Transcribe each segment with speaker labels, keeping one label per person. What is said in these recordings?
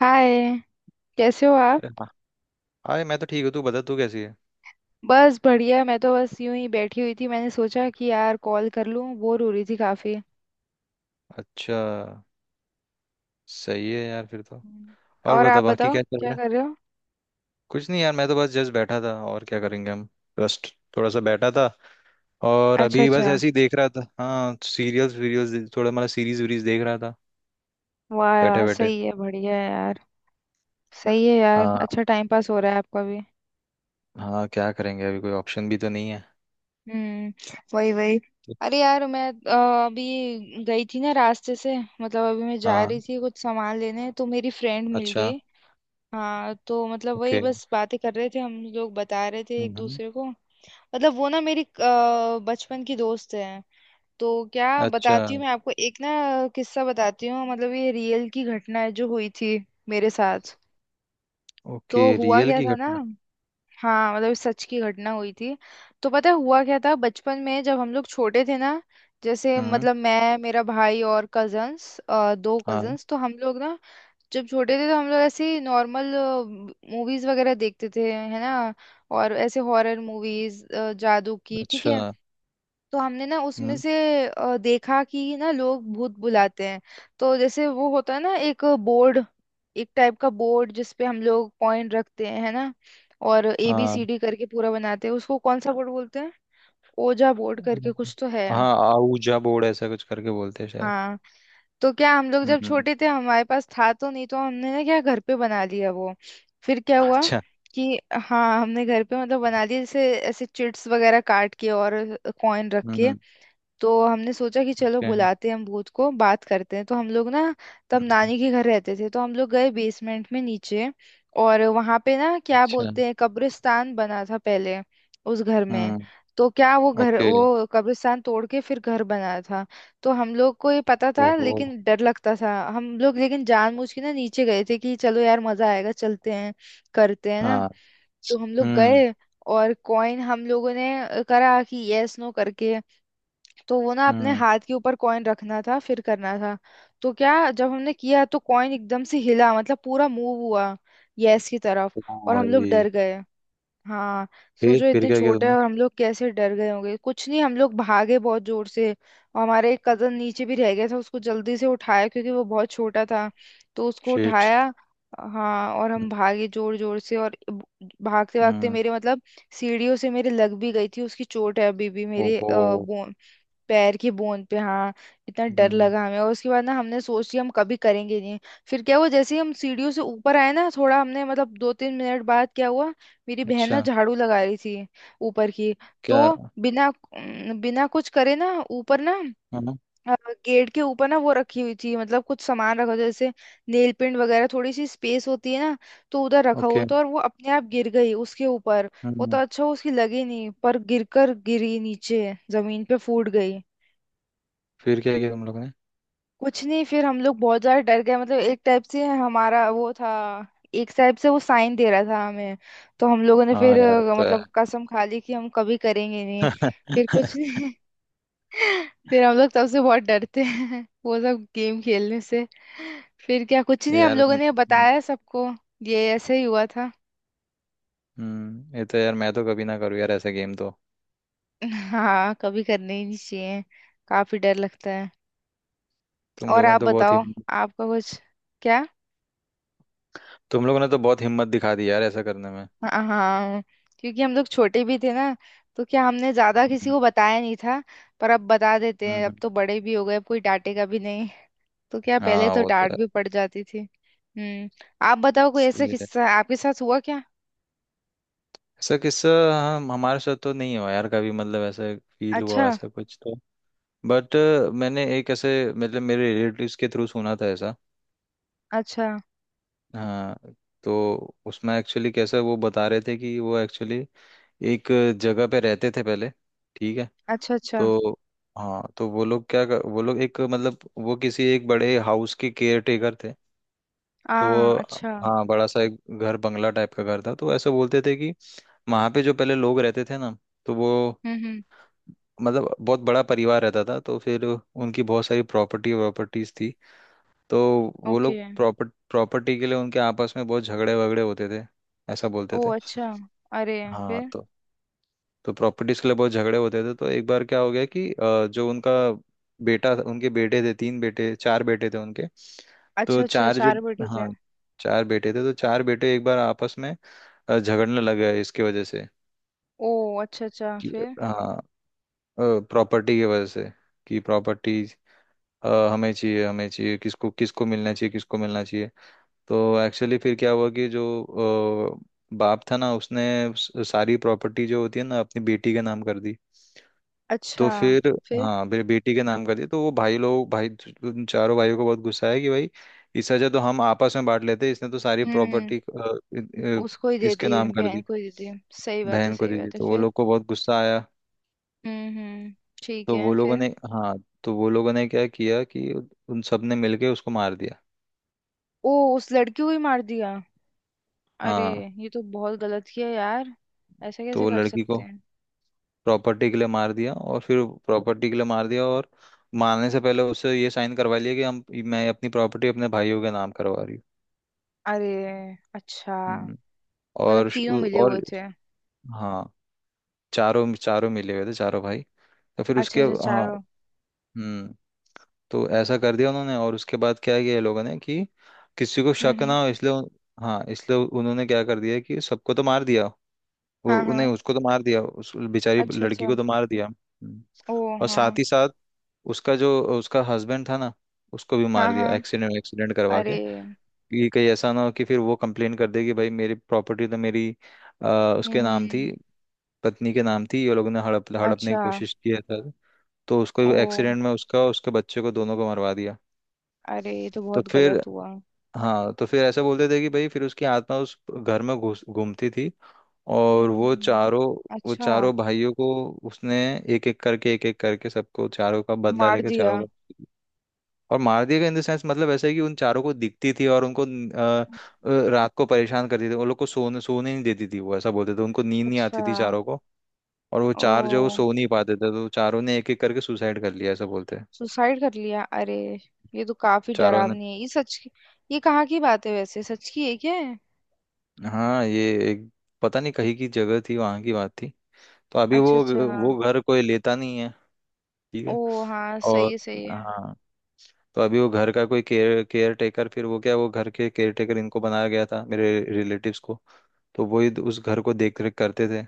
Speaker 1: हाय, कैसे हो आप।
Speaker 2: अरे हाँ। हाय, मैं तो ठीक हूँ। तू बता, तू कैसी है?
Speaker 1: बस बढ़िया, मैं तो बस यूं ही बैठी हुई थी, मैंने सोचा कि यार कॉल कर लूं, बोर हो रही थी काफी।
Speaker 2: अच्छा। सही है यार फिर तो।
Speaker 1: हम्म।
Speaker 2: और
Speaker 1: और
Speaker 2: बता,
Speaker 1: आप
Speaker 2: बाकी
Speaker 1: बताओ
Speaker 2: क्या चल
Speaker 1: क्या
Speaker 2: रहा
Speaker 1: कर
Speaker 2: है?
Speaker 1: रहे हो।
Speaker 2: कुछ नहीं यार, मैं तो बस जस्ट बैठा था और क्या करेंगे हम। जस्ट थोड़ा सा बैठा था। और
Speaker 1: अच्छा
Speaker 2: अभी बस
Speaker 1: अच्छा।
Speaker 2: ऐसे ही देख रहा था। हाँ, सीरियल्स वीरियल्स थोड़ा मतलब सीरीज वीरीज देख रहा था।
Speaker 1: वाह
Speaker 2: बैठे
Speaker 1: वाह,
Speaker 2: बैठे।
Speaker 1: सही है, बढ़िया है यार। सही है यार,
Speaker 2: हाँ।
Speaker 1: अच्छा टाइम पास हो रहा है आपका भी।
Speaker 2: हाँ क्या करेंगे, अभी कोई ऑप्शन भी तो नहीं है।
Speaker 1: हम्म। वही वही।
Speaker 2: तो-
Speaker 1: अरे यार, मैं अभी गई थी ना रास्ते से, मतलब अभी मैं जा
Speaker 2: हाँ।
Speaker 1: रही थी कुछ सामान लेने, तो मेरी फ्रेंड मिल गई।
Speaker 2: अच्छा।
Speaker 1: हाँ, तो मतलब वही
Speaker 2: ओके।
Speaker 1: बस बातें कर रहे थे हम लोग, बता रहे थे एक
Speaker 2: हम्म।
Speaker 1: दूसरे को। मतलब वो ना मेरी बचपन की दोस्त है। तो क्या
Speaker 2: अच्छा।
Speaker 1: बताती हूँ मैं आपको एक ना, किस्सा बताती हूँ, मतलब ये रियल की घटना है जो हुई थी मेरे साथ।
Speaker 2: ओके,
Speaker 1: तो हुआ
Speaker 2: रियल
Speaker 1: क्या
Speaker 2: की
Speaker 1: था ना।
Speaker 2: घटना।
Speaker 1: हाँ, मतलब सच की घटना हुई थी। तो पता है हुआ क्या था, बचपन में जब हम लोग छोटे थे ना, जैसे
Speaker 2: हम्म।
Speaker 1: मतलब मैं, मेरा भाई और कजन्स, दो
Speaker 2: हाँ।
Speaker 1: कजन्स, तो हम लोग ना जब छोटे थे तो हम लोग ऐसे नॉर्मल मूवीज वगैरह देखते थे है ना, और ऐसे हॉरर मूवीज, जादू की, ठीक है।
Speaker 2: अच्छा।
Speaker 1: तो हमने ना उसमें
Speaker 2: हम्म।
Speaker 1: से देखा कि ना लोग भूत बुलाते हैं। तो जैसे वो होता है ना एक बोर्ड, एक टाइप का बोर्ड जिसपे हम लोग पॉइंट रखते हैं है ना, और ए बी
Speaker 2: हाँ।
Speaker 1: सी डी करके पूरा बनाते हैं उसको, कौन सा बोर्ड बोलते हैं, ओजा बोर्ड करके
Speaker 2: हम्म।
Speaker 1: कुछ तो है।
Speaker 2: हाँ आऊजा बोर्ड ऐसा कुछ करके बोलते हैं शायद।
Speaker 1: हाँ। तो क्या, हम लोग
Speaker 2: हम्म
Speaker 1: जब
Speaker 2: हम्म।
Speaker 1: छोटे थे हमारे पास था तो नहीं, तो हमने ना क्या घर पे बना लिया वो। फिर क्या हुआ
Speaker 2: अच्छा।
Speaker 1: कि हाँ, हमने घर पे मतलब बना लिया, जैसे ऐसे चिट्स वगैरह काट के और कॉइन रख
Speaker 2: हम्म
Speaker 1: के।
Speaker 2: हम्म,
Speaker 1: तो हमने सोचा कि चलो
Speaker 2: ओके
Speaker 1: बुलाते हैं हम भूत को, बात करते हैं। तो हम लोग ना तब
Speaker 2: हम्म,
Speaker 1: नानी के घर रहते थे, तो हम लोग गए बेसमेंट में नीचे, और वहां पे ना क्या
Speaker 2: अच्छा
Speaker 1: बोलते हैं, कब्रिस्तान बना था पहले उस घर में।
Speaker 2: हम्म
Speaker 1: तो क्या वो घर,
Speaker 2: ओके
Speaker 1: वो कब्रिस्तान तोड़ के फिर घर बनाया था। तो हम लोग को ये पता था
Speaker 2: ओहो
Speaker 1: लेकिन डर लगता था हम लोग, लेकिन जानबूझ के ना नीचे गए थे कि चलो यार मजा आएगा, चलते हैं, करते हैं ना।
Speaker 2: हाँ
Speaker 1: तो हम लोग
Speaker 2: हम्म
Speaker 1: गए, और कॉइन हम लोगों ने करा कि यस नो करके। तो वो ना अपने
Speaker 2: हम्म
Speaker 1: हाथ के ऊपर कॉइन रखना था फिर करना था। तो क्या, जब हमने किया तो कॉइन एकदम से हिला, मतलब पूरा मूव हुआ यस की तरफ।
Speaker 2: ओ
Speaker 1: और हम लोग
Speaker 2: भाई।
Speaker 1: डर गए। हाँ,
Speaker 2: फिर
Speaker 1: सोचो
Speaker 2: फिर
Speaker 1: इतने
Speaker 2: क्या किया
Speaker 1: छोटे
Speaker 2: तुमने?
Speaker 1: और हम लोग कैसे डर गए होंगे, कुछ नहीं, हम लोग भागे बहुत जोर से, और हमारे एक कजन नीचे भी रह गया था, उसको जल्दी से उठाया क्योंकि वो बहुत छोटा था, तो उसको
Speaker 2: शिट।
Speaker 1: उठाया। हाँ, और
Speaker 2: हम्म
Speaker 1: हम भागे जोर जोर से और भागते भागते
Speaker 2: हम्म,
Speaker 1: मेरे मतलब सीढ़ियों से मेरे लग भी गई थी, उसकी चोट है अभी भी मेरे
Speaker 2: ओहो
Speaker 1: पैर की बूंद पे, हाँ। इतना डर
Speaker 2: हम्म
Speaker 1: लगा हमें, और उसके बाद ना हमने सोच लिया हम कभी करेंगे नहीं। फिर क्या हुआ, जैसे ही हम सीढ़ियों से ऊपर आए ना, थोड़ा हमने मतलब दो तीन मिनट बाद क्या हुआ, मेरी बहन ना
Speaker 2: अच्छा
Speaker 1: झाड़ू लगा रही थी ऊपर की।
Speaker 2: क्या
Speaker 1: तो बिना बिना कुछ करे ना ऊपर ना
Speaker 2: हाँ
Speaker 1: अ, गेट के ऊपर ना वो रखी हुई थी, मतलब कुछ सामान रखा था जैसे नेल पेंट वगैरह, थोड़ी सी स्पेस होती है ना, तो उधर रखा
Speaker 2: ओके
Speaker 1: हुआ था, और वो अपने आप गिर गई उसके ऊपर। वो तो
Speaker 2: हम्म।
Speaker 1: अच्छा हुआ उसकी लगी नहीं, पर गिरकर गिरी नीचे जमीन पे फूट गई।
Speaker 2: फिर क्या किया तुम लोग ने?
Speaker 1: कुछ नहीं, फिर हम लोग बहुत ज्यादा डर गए, मतलब एक टाइप से हमारा वो था, एक टाइप से वो साइन दे रहा था हमें। तो हम लोगों ने
Speaker 2: हाँ
Speaker 1: फिर
Speaker 2: यार वो तो है।
Speaker 1: मतलब कसम खा ली कि हम कभी करेंगे नहीं। फिर कुछ नहीं। फिर हम लोग तब से बहुत डरते हैं वो सब गेम खेलने से। फिर क्या, कुछ नहीं, हम
Speaker 2: यार
Speaker 1: लोगों ने बताया सबको, ये ऐसे ही हुआ था।
Speaker 2: ये तो यार मैं तो कभी ना करूँ यार ऐसा गेम तो।
Speaker 1: हाँ, कभी करने ही नहीं चाहिए, काफी डर लगता है।
Speaker 2: तुम
Speaker 1: और
Speaker 2: लोगों
Speaker 1: आप
Speaker 2: ने तो बहुत ही
Speaker 1: बताओ, आपका कुछ। क्या।
Speaker 2: तुम लोगों ने तो बहुत हिम्मत दिखा दी यार ऐसा करने में।
Speaker 1: हाँ, क्योंकि हम लोग छोटे भी थे ना, तो क्या हमने ज्यादा किसी को बताया नहीं था, पर अब बता देते हैं, अब
Speaker 2: हम्म।
Speaker 1: तो बड़े भी हो गए, अब कोई डांटेगा भी नहीं। तो क्या, पहले
Speaker 2: हाँ
Speaker 1: तो
Speaker 2: वो तो
Speaker 1: डांट
Speaker 2: है।
Speaker 1: भी पड़ जाती थी। हम्म। आप बताओ कोई ऐसा
Speaker 2: सही है।
Speaker 1: किस्सा आपके साथ हुआ क्या।
Speaker 2: ऐसा किस्सा हम हमारे साथ तो नहीं हुआ यार कभी, मतलब ऐसा फील
Speaker 1: अच्छा।
Speaker 2: हुआ ऐसा कुछ तो। बट मैंने एक ऐसे मतलब मेरे रिलेटिव्स के थ्रू सुना था ऐसा।
Speaker 1: अच्छा।
Speaker 2: हाँ। तो उसमें एक्चुअली कैसा वो बता रहे थे कि वो एक्चुअली एक जगह पे रहते थे पहले। ठीक है।
Speaker 1: अच्छा अच्छा।
Speaker 2: तो हाँ तो वो लोग क्या कर, वो लोग एक मतलब वो किसी एक बड़े हाउस के केयर टेकर थे।
Speaker 1: आ।
Speaker 2: तो वो
Speaker 1: अच्छा।
Speaker 2: हाँ बड़ा सा एक घर बंगला टाइप का घर था। तो ऐसे बोलते थे कि वहाँ पे जो पहले लोग रहते थे ना, तो वो
Speaker 1: हम्म।
Speaker 2: मतलब बहुत बड़ा परिवार रहता था। तो फिर उनकी बहुत सारी प्रॉपर्टी प्रॉपर्टीज थी। तो वो
Speaker 1: ओके।
Speaker 2: लोग प्रॉपर्ट प्रॉपर्टी के लिए उनके आपस में बहुत झगड़े वगड़े होते थे, ऐसा
Speaker 1: ओ
Speaker 2: बोलते थे।
Speaker 1: अच्छा। अरे,
Speaker 2: हाँ।
Speaker 1: फिर।
Speaker 2: तो प्रॉपर्टीज के लिए बहुत झगड़े होते थे। तो एक बार क्या हो गया कि जो उनका बेटा था- उनके बेटे थे, तीन बेटे चार बेटे थे उनके।
Speaker 1: अच्छा
Speaker 2: तो
Speaker 1: अच्छा,
Speaker 2: चार जो
Speaker 1: चार बेटी थे।
Speaker 2: हाँ चार बेटे थे तो चार बेटे एक बार आपस में झगड़ने लगा है इसकी वजह से
Speaker 1: ओ अच्छा अच्छा,
Speaker 2: कि
Speaker 1: फिर।
Speaker 2: हाँ प्रॉपर्टी की वजह से। कि प्रॉपर्टी हमें चाहिए हमें चाहिए, किसको किसको मिलना चाहिए किसको मिलना चाहिए। तो एक्चुअली फिर क्या हुआ कि जो बाप था ना, उसने स- सारी प्रॉपर्टी जो होती है ना अपनी बेटी के नाम कर दी। तो
Speaker 1: अच्छा,
Speaker 2: फिर
Speaker 1: फिर।
Speaker 2: हाँ फिर बेटी के नाम कर दी तो वो भाई लोग भाई उन चारों भाइयों को बहुत गुस्सा है कि भाई इस वजह तो हम आपस में बांट लेते, इसने तो सारी
Speaker 1: हम्म,
Speaker 2: प्रॉपर्टी
Speaker 1: उसको ही दे
Speaker 2: इसके
Speaker 1: दी,
Speaker 2: नाम कर
Speaker 1: बहन
Speaker 2: दी
Speaker 1: को ही दे दी। सही बात है,
Speaker 2: बहन को
Speaker 1: सही
Speaker 2: दे दी।
Speaker 1: बात है,
Speaker 2: तो वो
Speaker 1: फिर।
Speaker 2: लोग को बहुत गुस्सा आया।
Speaker 1: हम्म, ठीक
Speaker 2: तो वो
Speaker 1: है,
Speaker 2: लोगों
Speaker 1: फिर।
Speaker 2: ने हाँ तो वो लोगों ने क्या किया कि उन सब ने मिलके उसको मार दिया।
Speaker 1: ओ, उस लड़की को ही मार दिया। अरे,
Speaker 2: हाँ
Speaker 1: ये तो बहुत गलत किया यार, ऐसा
Speaker 2: तो
Speaker 1: कैसे
Speaker 2: वो
Speaker 1: कर
Speaker 2: लड़की को
Speaker 1: सकते हैं।
Speaker 2: प्रॉपर्टी के लिए मार दिया और फिर प्रॉपर्टी के लिए मार दिया और मारने से पहले उससे ये साइन करवा लिया कि हम मैं अपनी प्रॉपर्टी अपने भाइयों के नाम करवा रही हूँ।
Speaker 1: अरे। अच्छा,
Speaker 2: हम्म,
Speaker 1: मतलब
Speaker 2: और श-
Speaker 1: तीनों
Speaker 2: उ-
Speaker 1: मिले हुए
Speaker 2: और
Speaker 1: थे।
Speaker 2: हाँ चारों चारों मिले हुए थे चारों भाई। तो फिर
Speaker 1: अच्छा
Speaker 2: उसके
Speaker 1: अच्छा,
Speaker 2: हाँ
Speaker 1: चारों।
Speaker 2: हम्म। तो ऐसा कर दिया उन्होंने। और उसके बाद क्या किया ये लोगों ने कि किसी को शक
Speaker 1: हम्म।
Speaker 2: ना हो इसलिए उन- हाँ इसलिए उन्होंने क्या कर दिया कि सबको तो मार दिया
Speaker 1: हाँ
Speaker 2: वो- नहीं
Speaker 1: हाँ।
Speaker 2: उसको तो मार दिया उस बेचारी
Speaker 1: अच्छा
Speaker 2: लड़की
Speaker 1: अच्छा।
Speaker 2: को तो मार दिया। हम्म।
Speaker 1: ओ
Speaker 2: और
Speaker 1: हाँ।
Speaker 2: साथ ही साथ उसका जो उसका हस्बैंड था ना, उसको भी
Speaker 1: हाँ
Speaker 2: मार दिया
Speaker 1: हाँ।
Speaker 2: एक्सीडेंट एक्सीडेंट करवा के
Speaker 1: अरे।
Speaker 2: कि कहीं ऐसा ना हो कि फिर वो कंप्लेन कर दे कि भाई मेरी प्रॉपर्टी तो मेरी अ, उसके नाम थी
Speaker 1: हम्म।
Speaker 2: पत्नी के नाम थी, ये लोगों ने हड़प हड़पने की
Speaker 1: अच्छा।
Speaker 2: कोशिश किया था। तो उसको
Speaker 1: ओ।
Speaker 2: एक्सीडेंट में उसका और उसके बच्चे को दोनों को मरवा दिया।
Speaker 1: अरे, ये तो
Speaker 2: तो
Speaker 1: बहुत
Speaker 2: फिर
Speaker 1: गलत हुआ।
Speaker 2: हाँ तो फिर ऐसा बोलते थे कि भाई फिर उसकी आत्मा उस घर में घुस घूमती थी। और
Speaker 1: हम्म।
Speaker 2: वो
Speaker 1: अच्छा।
Speaker 2: चारों भाइयों को उसने एक एक करके सबको चारों का बदला
Speaker 1: मार
Speaker 2: लेके चारों
Speaker 1: दिया।
Speaker 2: को और मार दिया गया। इन द सेंस मतलब ऐसा है कि उन चारों को दिखती थी और उनको रात को परेशान करती थी, उन लोग को सोने सोने नहीं देती थी वो, ऐसा बोलते थे। उनको नींद नहीं
Speaker 1: अच्छा।
Speaker 2: आती थी चारों को। और वो चार जो
Speaker 1: ओ,
Speaker 2: सो नहीं पाते थे तो चारों ने एक एक करके सुसाइड कर लिया, ऐसा बोलते हैं।
Speaker 1: सुसाइड कर लिया, अरे। ये तो काफी
Speaker 2: चारों ने
Speaker 1: डरावनी है ये सच की। ये कहाँ की बात है वैसे, सच की है क्या है।
Speaker 2: हाँ ये एक पता नहीं कहीं की जगह थी, वहां की बात थी। तो अभी
Speaker 1: अच्छा अच्छा।
Speaker 2: वो घर कोई लेता नहीं है। ठीक है।
Speaker 1: ओ हाँ, सही
Speaker 2: और
Speaker 1: है सही है।
Speaker 2: हाँ तो अभी वो घर का कोई केयर केयर टेकर फिर वो क्या वो घर के केयर टेकर इनको बनाया गया था मेरे रिलेटिव्स को। तो वही उस घर को देख रेख करते थे।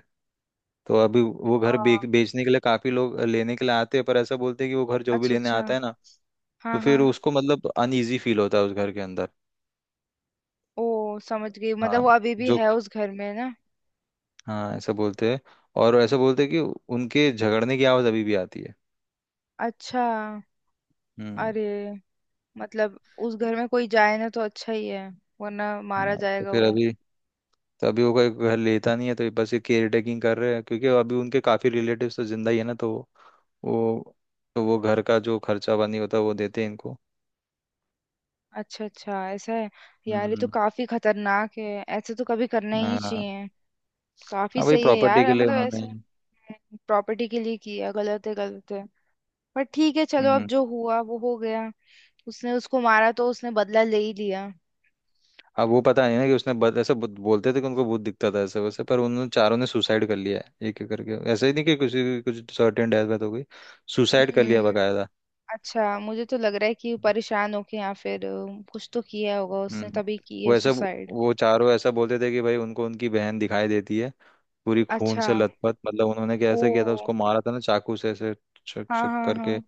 Speaker 2: तो अभी वो घर बेच
Speaker 1: हाँ।
Speaker 2: बेचने के लिए काफी लोग लेने के लिए आते हैं, पर ऐसा बोलते हैं कि वो घर जो भी
Speaker 1: अच्छा
Speaker 2: लेने
Speaker 1: अच्छा।
Speaker 2: आता है ना, तो
Speaker 1: हाँ
Speaker 2: फिर
Speaker 1: हाँ।
Speaker 2: उसको मतलब अनईजी फील होता है उस घर के अंदर।
Speaker 1: ओ समझ गई, मतलब
Speaker 2: हाँ
Speaker 1: वो अभी भी
Speaker 2: जो
Speaker 1: है उस घर में ना।
Speaker 2: हाँ ऐसा बोलते हैं। और ऐसा बोलते हैं कि उनके झगड़ने की आवाज अभी भी आती है।
Speaker 1: अच्छा।
Speaker 2: हम्म।
Speaker 1: अरे, मतलब उस घर में कोई जाए ना तो अच्छा ही है, वरना मारा
Speaker 2: हाँ तो
Speaker 1: जाएगा
Speaker 2: फिर
Speaker 1: वो।
Speaker 2: अभी तो अभी वो कोई घर लेता नहीं है, तो ये बस ये केयर टेकिंग कर रहे हैं क्योंकि अभी उनके काफी रिलेटिव्स तो जिंदा ही है ना, वो तो वो घर का जो खर्चा पानी होता है वो देते हैं इनको।
Speaker 1: अच्छा अच्छा, ऐसा है। यार ये तो
Speaker 2: हम्म।
Speaker 1: काफी खतरनाक है, ऐसे तो कभी करना ही नहीं
Speaker 2: हाँ
Speaker 1: चाहिए। काफी
Speaker 2: हाँ भाई
Speaker 1: सही है
Speaker 2: प्रॉपर्टी
Speaker 1: यार,
Speaker 2: के लिए
Speaker 1: मतलब
Speaker 2: उन्होंने।
Speaker 1: ऐसे। प्रॉपर्टी के लिए किया, गलत है गलत है, पर ठीक है, चलो अब
Speaker 2: हम्म।
Speaker 1: जो हुआ वो हो गया। उसने उसको मारा तो उसने बदला ले ही लिया।
Speaker 2: अब वो पता नहीं ना कि उसने बद, ऐसे बुद- बोलते थे कि उनको भूत दिखता था ऐसे वैसे, पर उन चारों ने सुसाइड कर लिया है एक एक करके, ऐसे ही नहीं कि किसी की कुछ सर्टेन डेथ वेथ हो गई। सुसाइड कर लिया
Speaker 1: हम्म।
Speaker 2: बकायदा।
Speaker 1: अच्छा, मुझे तो लग रहा है कि परेशान होके, या फिर कुछ तो किया होगा उसने
Speaker 2: हम्म।
Speaker 1: तभी की
Speaker 2: वो
Speaker 1: है
Speaker 2: ऐसा
Speaker 1: सुसाइड।
Speaker 2: वो चारों ऐसा बोलते थे कि भाई उनको उनकी बहन दिखाई देती है पूरी खून
Speaker 1: अच्छा।
Speaker 2: से लथपथ। मतलब उन्होंने कैसे किया था,
Speaker 1: ओ।
Speaker 2: उसको मारा था ना चाकू से, ऐसे छक
Speaker 1: हाँ
Speaker 2: छक
Speaker 1: हाँ हाँ।
Speaker 2: करके।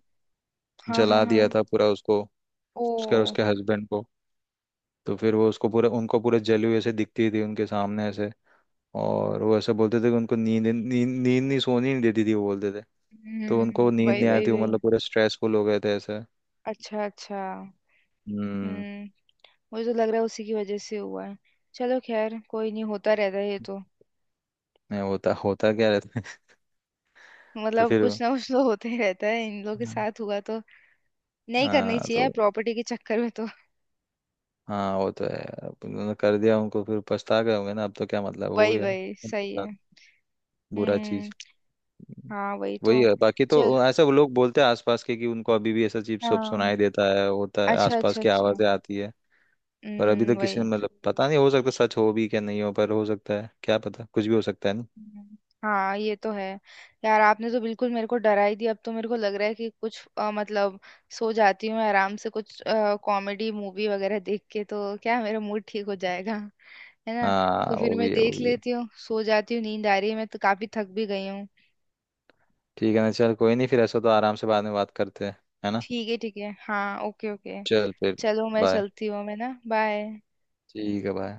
Speaker 1: हाँ हाँ
Speaker 2: जला
Speaker 1: हाँ।
Speaker 2: दिया था पूरा उसको
Speaker 1: ओ।
Speaker 2: उसके उसके हस्बैंड को। तो फिर वो उसको पूरे उनको पूरे जली हुई ऐसे दिखती थी उनके सामने ऐसे। और वो ऐसे बोलते थे कि उनको नींद नींद नींद नहीं सोनी नहीं देती थी वो, बोलते थे। तो उनको
Speaker 1: हम्म,
Speaker 2: नींद
Speaker 1: वही
Speaker 2: नहीं आ रही थी,
Speaker 1: वही
Speaker 2: वो
Speaker 1: वही।
Speaker 2: मतलब पूरे स्ट्रेसफुल हो गए थे ऐसे।
Speaker 1: अच्छा अच्छा।
Speaker 2: हम्म।
Speaker 1: हम्म। मुझे तो लग रहा है उसी की वजह से हुआ है। चलो खैर, कोई नहीं, होता रहता है ये तो।
Speaker 2: नहीं होता होता क्या रहता है। तो
Speaker 1: मतलब
Speaker 2: फिर
Speaker 1: कुछ ना कुछ तो होते ही रहता है, इन लोगों के साथ हुआ तो। नहीं करनी
Speaker 2: हाँ
Speaker 1: चाहिए
Speaker 2: तो
Speaker 1: प्रॉपर्टी के चक्कर में तो।
Speaker 2: हाँ वो तो है यार। अब उन्होंने कर दिया, उनको फिर पछता गए होंगे ना, अब तो क्या मतलब हो
Speaker 1: वही
Speaker 2: गया
Speaker 1: वही,
Speaker 2: उनके
Speaker 1: सही
Speaker 2: साथ।
Speaker 1: है।
Speaker 2: बुरा चीज।
Speaker 1: हम्म। हाँ, वही
Speaker 2: वही
Speaker 1: तो।
Speaker 2: है बाकी तो
Speaker 1: चल।
Speaker 2: ऐसा वो लोग बोलते हैं आसपास के कि उनको अभी भी ऐसा अजीब सब
Speaker 1: हाँ।
Speaker 2: सुनाई देता है होता है,
Speaker 1: अच्छा
Speaker 2: आसपास
Speaker 1: अच्छा
Speaker 2: की
Speaker 1: अच्छा।
Speaker 2: आवाजें आती है। पर अभी तो
Speaker 1: हम्म,
Speaker 2: किसी ने
Speaker 1: वही।
Speaker 2: मतलब पता नहीं, हो सकता सच हो भी क्या नहीं हो, पर हो सकता है, क्या पता कुछ भी हो सकता है ना।
Speaker 1: हम्म, हाँ ये तो है। यार आपने तो बिल्कुल मेरे को डरा ही दिया, अब तो मेरे को लग रहा है कि कुछ मतलब सो जाती हूँ आराम से, कुछ कॉमेडी मूवी वगैरह देख के तो क्या मेरा मूड ठीक हो जाएगा, है ना। तो
Speaker 2: हाँ
Speaker 1: फिर
Speaker 2: वो
Speaker 1: मैं
Speaker 2: भी है वो
Speaker 1: देख
Speaker 2: भी है।
Speaker 1: लेती हूँ, सो जाती हूँ, नींद आ रही है, मैं तो काफी थक भी गई हूँ।
Speaker 2: ठीक है ना, चल कोई नहीं, फिर ऐसा तो आराम से बाद में बात करते हैं, है ना।
Speaker 1: ठीक है ठीक है, हाँ, ओके ओके।
Speaker 2: चल फिर।
Speaker 1: चलो मैं
Speaker 2: बाय।
Speaker 1: चलती हूँ, मैं ना, बाय।
Speaker 2: ठीक है बाय।